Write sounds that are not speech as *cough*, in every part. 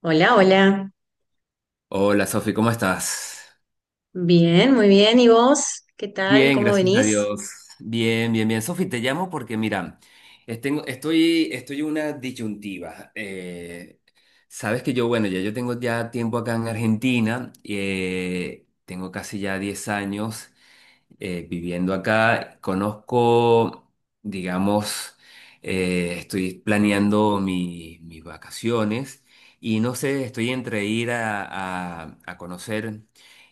Hola, hola. Hola Sofi, ¿cómo estás? Bien, muy bien. ¿Y vos? ¿Qué tal? Bien, ¿Cómo gracias a venís? Dios. Bien, bien, bien. Sofi, te llamo porque mira, estoy en una disyuntiva. Sabes que yo, bueno, ya yo tengo ya tiempo acá en Argentina, tengo casi ya 10 años viviendo acá. Conozco, digamos, estoy planeando mis vacaciones y no sé, estoy entre ir a conocer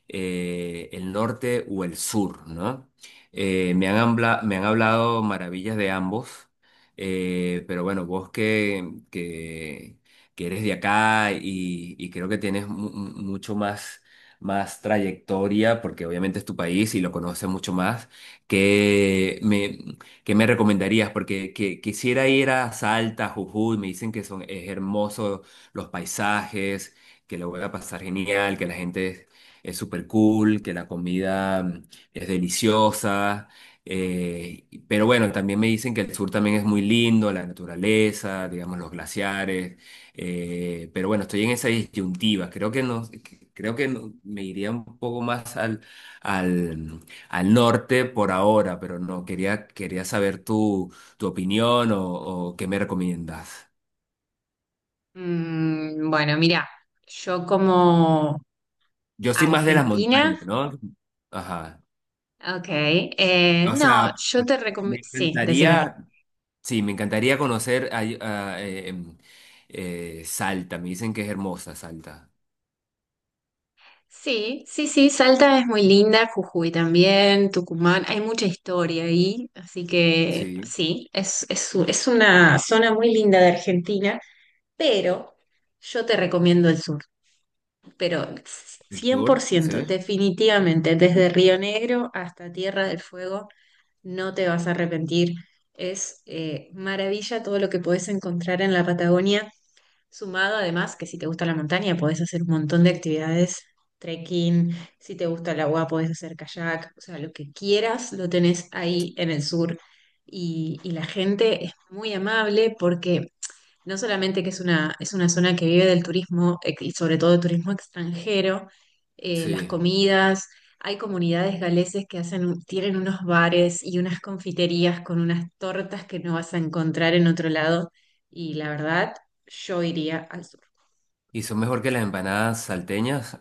el norte o el sur, ¿no? Me han hablado maravillas de ambos, pero bueno, vos que eres de acá y creo que tienes mucho más trayectoria, porque obviamente es tu país y lo conoces mucho más, ¿qué me, ¿qué me recomendarías? Porque quisiera ir a Salta, Jujuy, me dicen que son, es hermoso los paisajes, que lo voy a pasar genial, que la gente es súper cool, que la comida es deliciosa. Pero bueno, también me dicen que el sur también es muy lindo, la naturaleza, digamos, los glaciares. Pero bueno, estoy en esa disyuntiva. Creo que no, me iría un poco más al, al norte por ahora, pero no, quería saber tu opinión o qué me recomiendas. Bueno, mira, yo como Yo soy más de las argentina, montañas, ¿no? Ajá. ok, O no, sea, yo te recomiendo, me sí, decime. encantaría, sí, me encantaría conocer ahí, Salta. Me dicen que es hermosa Salta. Sí, sí, sí, Salta es muy linda, Jujuy también, Tucumán, hay mucha historia ahí, así que Sí. sí, es una zona muy linda de Argentina, pero yo te recomiendo el sur. Pero ¿El cien por sur? ciento Sí. definitivamente, desde Río Negro hasta Tierra del Fuego, no te vas a arrepentir. Es maravilla todo lo que podés encontrar en la Patagonia, sumado además que si te gusta la montaña podés hacer un montón de actividades, trekking, si te gusta el agua podés hacer kayak, o sea, lo que quieras lo tenés ahí en el sur. Y la gente es muy amable porque no solamente que es una zona que vive del turismo y sobre todo del turismo extranjero, las Sí. comidas, hay comunidades galeses que hacen, tienen unos bares y unas confiterías con unas tortas que no vas a encontrar en otro lado y la verdad, yo iría al sur. ¿Y son mejor que las empanadas salteñas?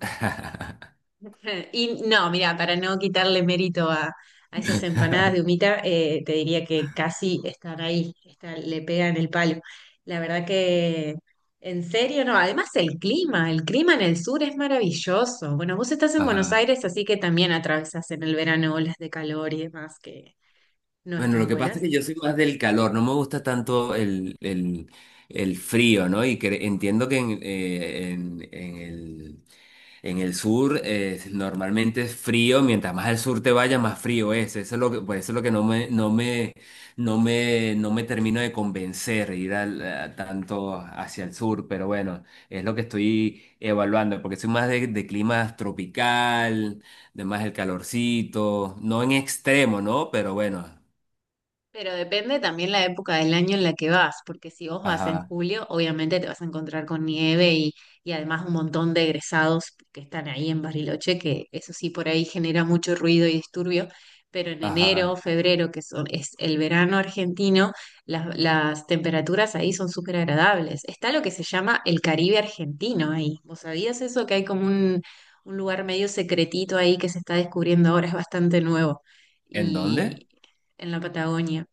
*laughs* *laughs* Y no, mira, para no quitarle mérito a esas empanadas de humita, te diría que casi están ahí, le pegan el palo. La verdad que, en serio, no. Además, el clima en el sur es maravilloso. Bueno, vos estás en Buenos Ajá. Aires, así que también atravesás en el verano olas de calor y demás que no Bueno, lo están que pasa buenas. es que yo soy más del calor, no me gusta tanto el frío, ¿no? Y que entiendo que en el sur normalmente es frío, mientras más al sur te vayas, más frío es. Eso es lo que, por eso es lo que no me termino de convencer ir a tanto hacia el sur, pero bueno, es lo que estoy evaluando, porque soy más de clima tropical, de más el calorcito, no en extremo, ¿no? Pero bueno. Pero depende también la época del año en la que vas, porque si vos vas en Ajá, julio, obviamente te vas a encontrar con nieve y además un montón de egresados que están ahí en Bariloche, que eso sí por ahí genera mucho ruido y disturbio, pero en enero, ajá. febrero, es el verano argentino, las temperaturas ahí son súper agradables. Está lo que se llama el Caribe argentino ahí. ¿Vos sabías eso? Que hay un lugar medio secretito ahí que se está descubriendo ahora, es bastante nuevo. ¿En dónde? Y en la Patagonia.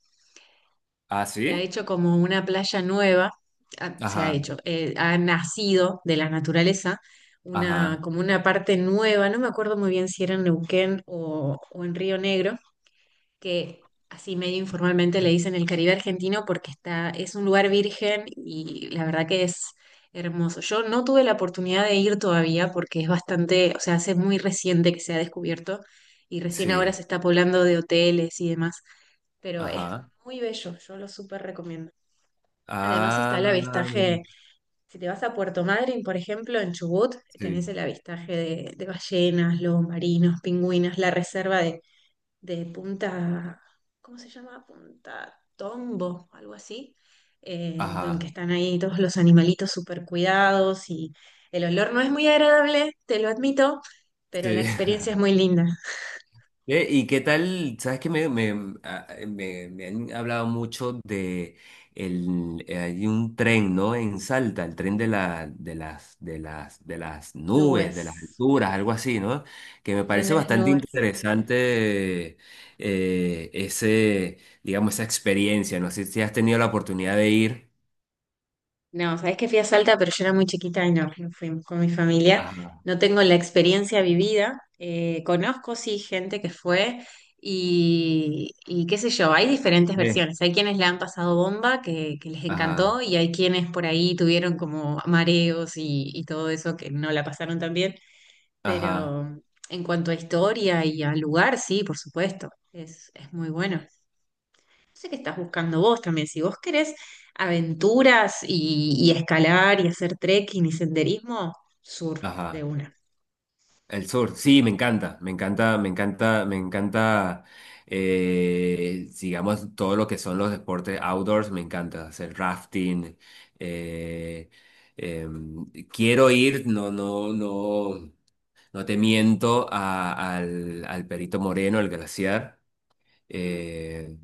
Ah, Se ha sí. hecho como una playa nueva, ah, se ha Ajá, hecho, ha nacido de la naturaleza una, ajá. como una parte nueva, no me acuerdo muy bien si era en Neuquén o en Río Negro, que así medio informalmente le dicen el Caribe argentino porque está, es un lugar virgen y la verdad que es hermoso. Yo no tuve la oportunidad de ir todavía porque es bastante, o sea, hace muy reciente que se ha descubierto y recién ahora Sí, se está poblando de hoteles y demás, pero es ajá. muy bello, yo lo súper recomiendo. Además está Ah, el mira, avistaje, si te vas a Puerto Madryn, por ejemplo, en Chubut, tenés sí, el avistaje de ballenas, lobos marinos, pingüinos, la reserva de Punta, ¿cómo se llama? Punta Tombo, algo así, donde ajá. están ahí todos los animalitos súper cuidados y el olor no es muy agradable, te lo admito, pero la Sí. experiencia es *laughs* muy linda. ¿Y qué tal? Sabes que me han hablado mucho de hay un tren, ¿no? En Salta, el tren de la, de las, de las, de las nubes, de las Nubes, alturas, algo así, ¿no? Que me el tren parece de las bastante nubes. interesante ese, digamos, esa experiencia. No sé si has tenido la oportunidad de ir. No, sabes que fui a Salta, pero yo era muy chiquita y no, no fuimos con mi familia. Ajá. No tengo la experiencia vivida. Conozco, sí, gente que fue y qué sé yo, hay diferentes Sí. versiones. Hay quienes la han pasado bomba, que les encantó, Ajá, y hay quienes por ahí tuvieron como mareos y todo eso que no la pasaron tan bien. ajá, Pero en cuanto a historia y al lugar, sí, por supuesto, es muy bueno sé qué estás buscando vos también. Si vos querés aventuras y escalar y hacer trekking y senderismo, sur de ajá. una. El sur, sí, me encanta, me encanta, me encanta, me encanta, digamos, todo lo que son los deportes outdoors, me encanta hacer rafting. eh, em, Quiero ir, no te miento, al Perito Moreno, al glaciar. Mm. Eh,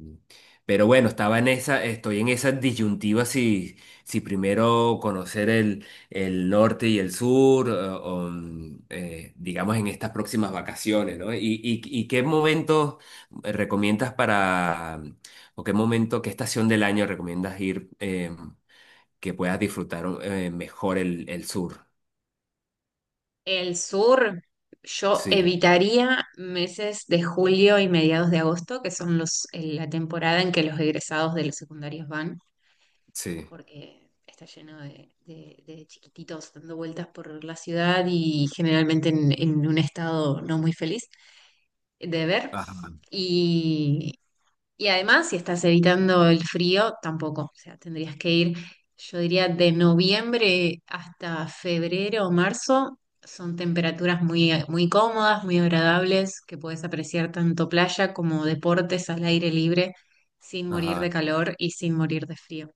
pero bueno, estoy en esa disyuntiva si, si primero conocer el norte y el sur, digamos en estas próximas vacaciones, ¿no? ¿Y qué momento recomiendas para, o qué momento, qué estación del año recomiendas ir que puedas disfrutar mejor el sur? El sur, yo Sí, evitaría meses de julio y mediados de agosto, que son los, la temporada en que los egresados de los secundarios van, sí. porque está lleno de chiquititos dando vueltas por la ciudad y generalmente en un estado no muy feliz de ver. Ajá. y Y además, si estás evitando el frío, tampoco. O sea, tendrías que ir, yo diría, de noviembre hasta febrero o marzo. Son temperaturas muy cómodas, muy agradables, que puedes apreciar tanto playa como deportes al aire libre sin morir de Ajá. calor y sin morir de frío.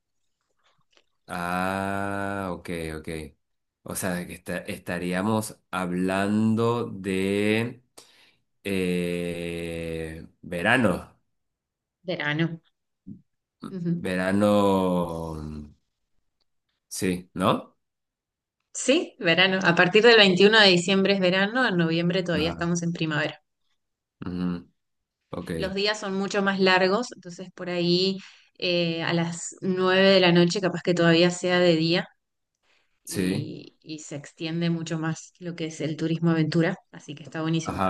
Ah, ok, ok. O sea, que estaríamos hablando de verano. Verano. Ujú. Verano, sí, ¿no? Sí, verano. A partir del 21 de diciembre es verano, en noviembre todavía Ajá. estamos en primavera. Ujú, ok, Los días son mucho más largos, entonces por ahí a las 9 de la noche capaz que todavía sea de día sí. Y se extiende mucho más lo que es el turismo aventura, así que está buenísimo.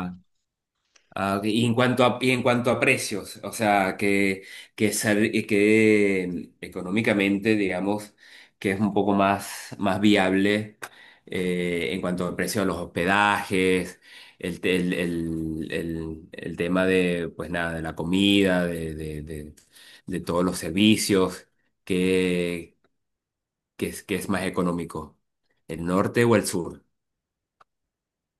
Ah, ok. Y en cuanto a, y en cuanto a precios, o sea, que económicamente, digamos, que es un poco más, más viable en cuanto al precio de los hospedajes, el, te- el tema de, pues nada, de la comida, de todos los servicios, que, que es más económico, el norte o el sur.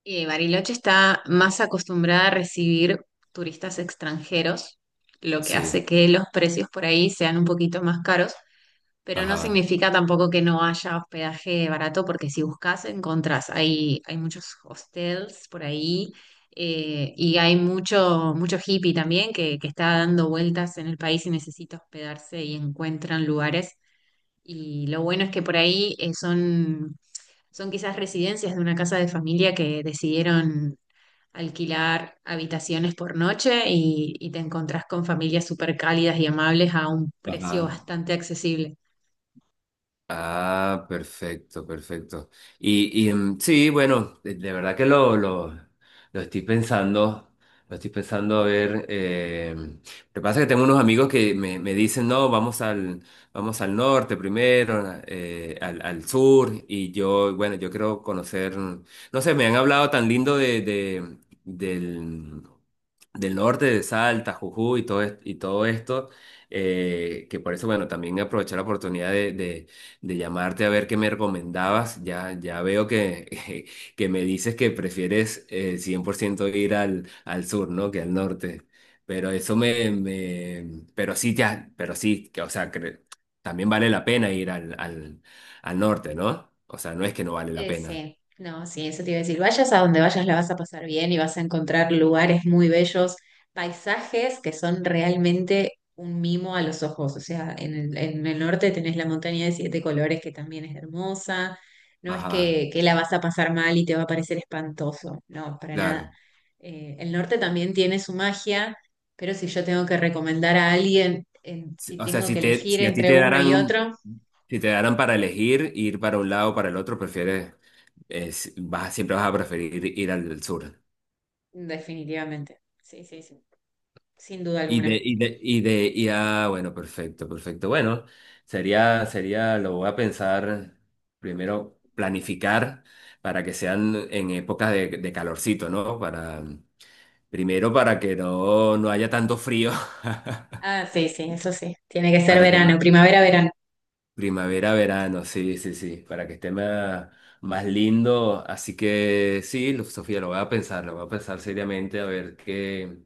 Bariloche está más acostumbrada a recibir turistas extranjeros, lo que hace Sí, que los precios por ahí sean un poquito más caros. Pero no ajá, significa tampoco que no haya hospedaje barato, porque si buscas, encontrás. Hay muchos hostels por ahí y hay mucho, mucho hippie también que está dando vueltas en el país y necesita hospedarse y encuentran lugares. Y lo bueno es que por ahí son, son quizás residencias de una casa de familia que decidieron alquilar habitaciones por noche y te encontrás con familias súper cálidas y amables a un precio ajá. bastante accesible. Ah, perfecto, perfecto. Sí, bueno, de verdad que lo estoy pensando, lo estoy pensando a ver. Lo que pasa es que tengo unos amigos que me dicen, no, vamos al norte primero, al sur, y yo, bueno, yo quiero conocer, no sé, me han hablado tan lindo de, del, del norte, de Salta, Jujuy y todo, y todo esto, que por eso, bueno, también aprovechar la oportunidad de, de llamarte a ver qué me recomendabas. Ya, ya veo que, *laughs* que me dices que prefieres 100% ir al, al sur, ¿no? Que al norte. Pero pero sí, ya, pero sí, que, o sea, también vale la pena ir al norte, ¿no? O sea, no es que no vale la pena. Sí, no, sí, eso te iba a decir. Vayas a donde vayas, la vas a pasar bien y vas a encontrar lugares muy bellos, paisajes que son realmente un mimo a los ojos. O sea, en el norte tenés la montaña de 7 colores que también es hermosa. No es Ajá, que la vas a pasar mal y te va a parecer espantoso, no, para nada. claro. El norte también tiene su magia, pero si yo tengo que recomendar a alguien, si O sea, tengo si que te, elegir si a ti entre te uno y darán, otro, si te darán para elegir ir para un lado o para el otro, prefieres, vas, siempre vas a preferir ir al sur. definitivamente. Sí, sí, sí, sin duda alguna. Bueno, perfecto, perfecto. Bueno, sería, sería, lo voy a pensar primero, planificar para que sean en épocas de calorcito, ¿no? Para, primero para que no, no haya tanto frío. *laughs* Ah, sí, sí, eso sí. Tiene que ser para que no verano, primavera, verano. Primavera, verano, sí, sí, sí, para que esté más, más lindo. Así que sí, Sofía, lo voy a pensar, lo voy a pensar seriamente a ver que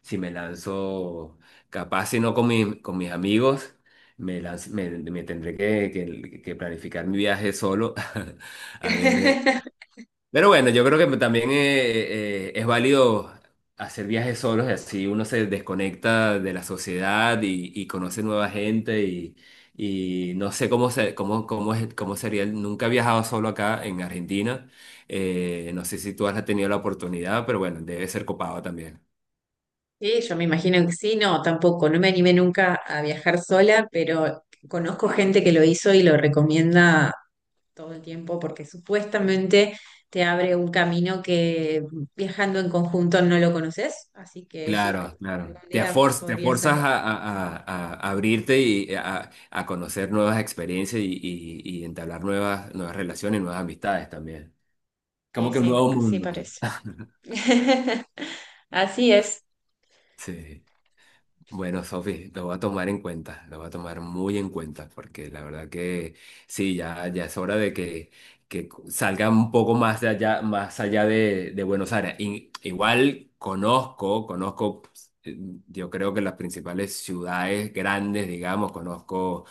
si me lanzo, capaz si no con, con mis amigos, me tendré que, que planificar mi viaje solo, *laughs* a ver, *laughs* pero bueno, yo creo que también es válido hacer viajes solos, y así uno se desconecta de la sociedad y conoce nueva gente y no sé cómo, se, cómo, cómo, es- cómo sería. Nunca he viajado solo acá en Argentina. No sé si tú has tenido la oportunidad, pero bueno, debe ser copado también. Sí, yo me imagino que sí, no, tampoco. No me animé nunca a viajar sola, pero conozco gente que lo hizo y lo recomienda todo el tiempo porque supuestamente te abre un camino que viajando en conjunto no lo conoces. Así que sí, capaz Claro, que claro. algún día Te podría forzas ser. a, a abrirte y a conocer nuevas experiencias y, y entablar nuevas, nuevas relaciones, nuevas amistades también. Como Sí, que un sí, nuevo así mundo. parece. *laughs* *laughs* Así es. Sí. Bueno, Sofi, lo voy a tomar en cuenta, lo voy a tomar muy en cuenta, porque la verdad que sí, ya, ya es hora de que salga un poco más de allá, más allá de Buenos Aires. Igual conozco, conozco, pues, yo creo que las principales ciudades grandes, digamos, conozco,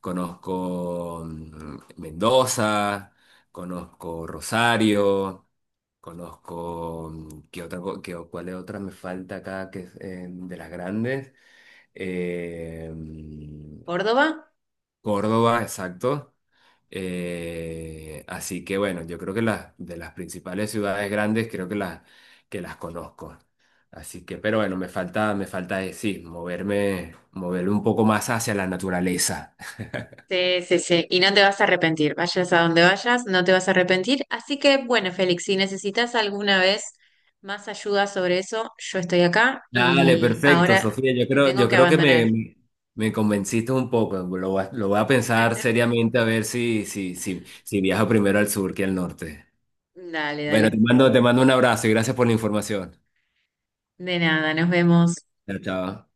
conozco Mendoza, conozco Rosario. Conozco, ¿qué otra, cuál es otra me falta acá que es de las grandes? Eh, mm, ¿Córdoba? Córdoba, exacto. Así que bueno, yo creo que las de las principales ciudades grandes creo que las conozco. Así que, pero bueno, me falta sí, moverme, moverme un poco más hacia la naturaleza. Sí, sí, sí, y no te vas a arrepentir, vayas a donde vayas, no te vas a arrepentir. Así que, bueno, Félix, si necesitas alguna vez más ayuda sobre eso, yo estoy acá Dale, y perfecto, ahora Sofía. Te tengo Yo que creo que abandonar. Me convenciste un poco. Lo voy a pensar seriamente a ver si, si, si, si viajo primero al sur que al norte. Dale, Bueno, dale. Te mando un abrazo y gracias por la información. De nada, nos vemos. Chao, chao.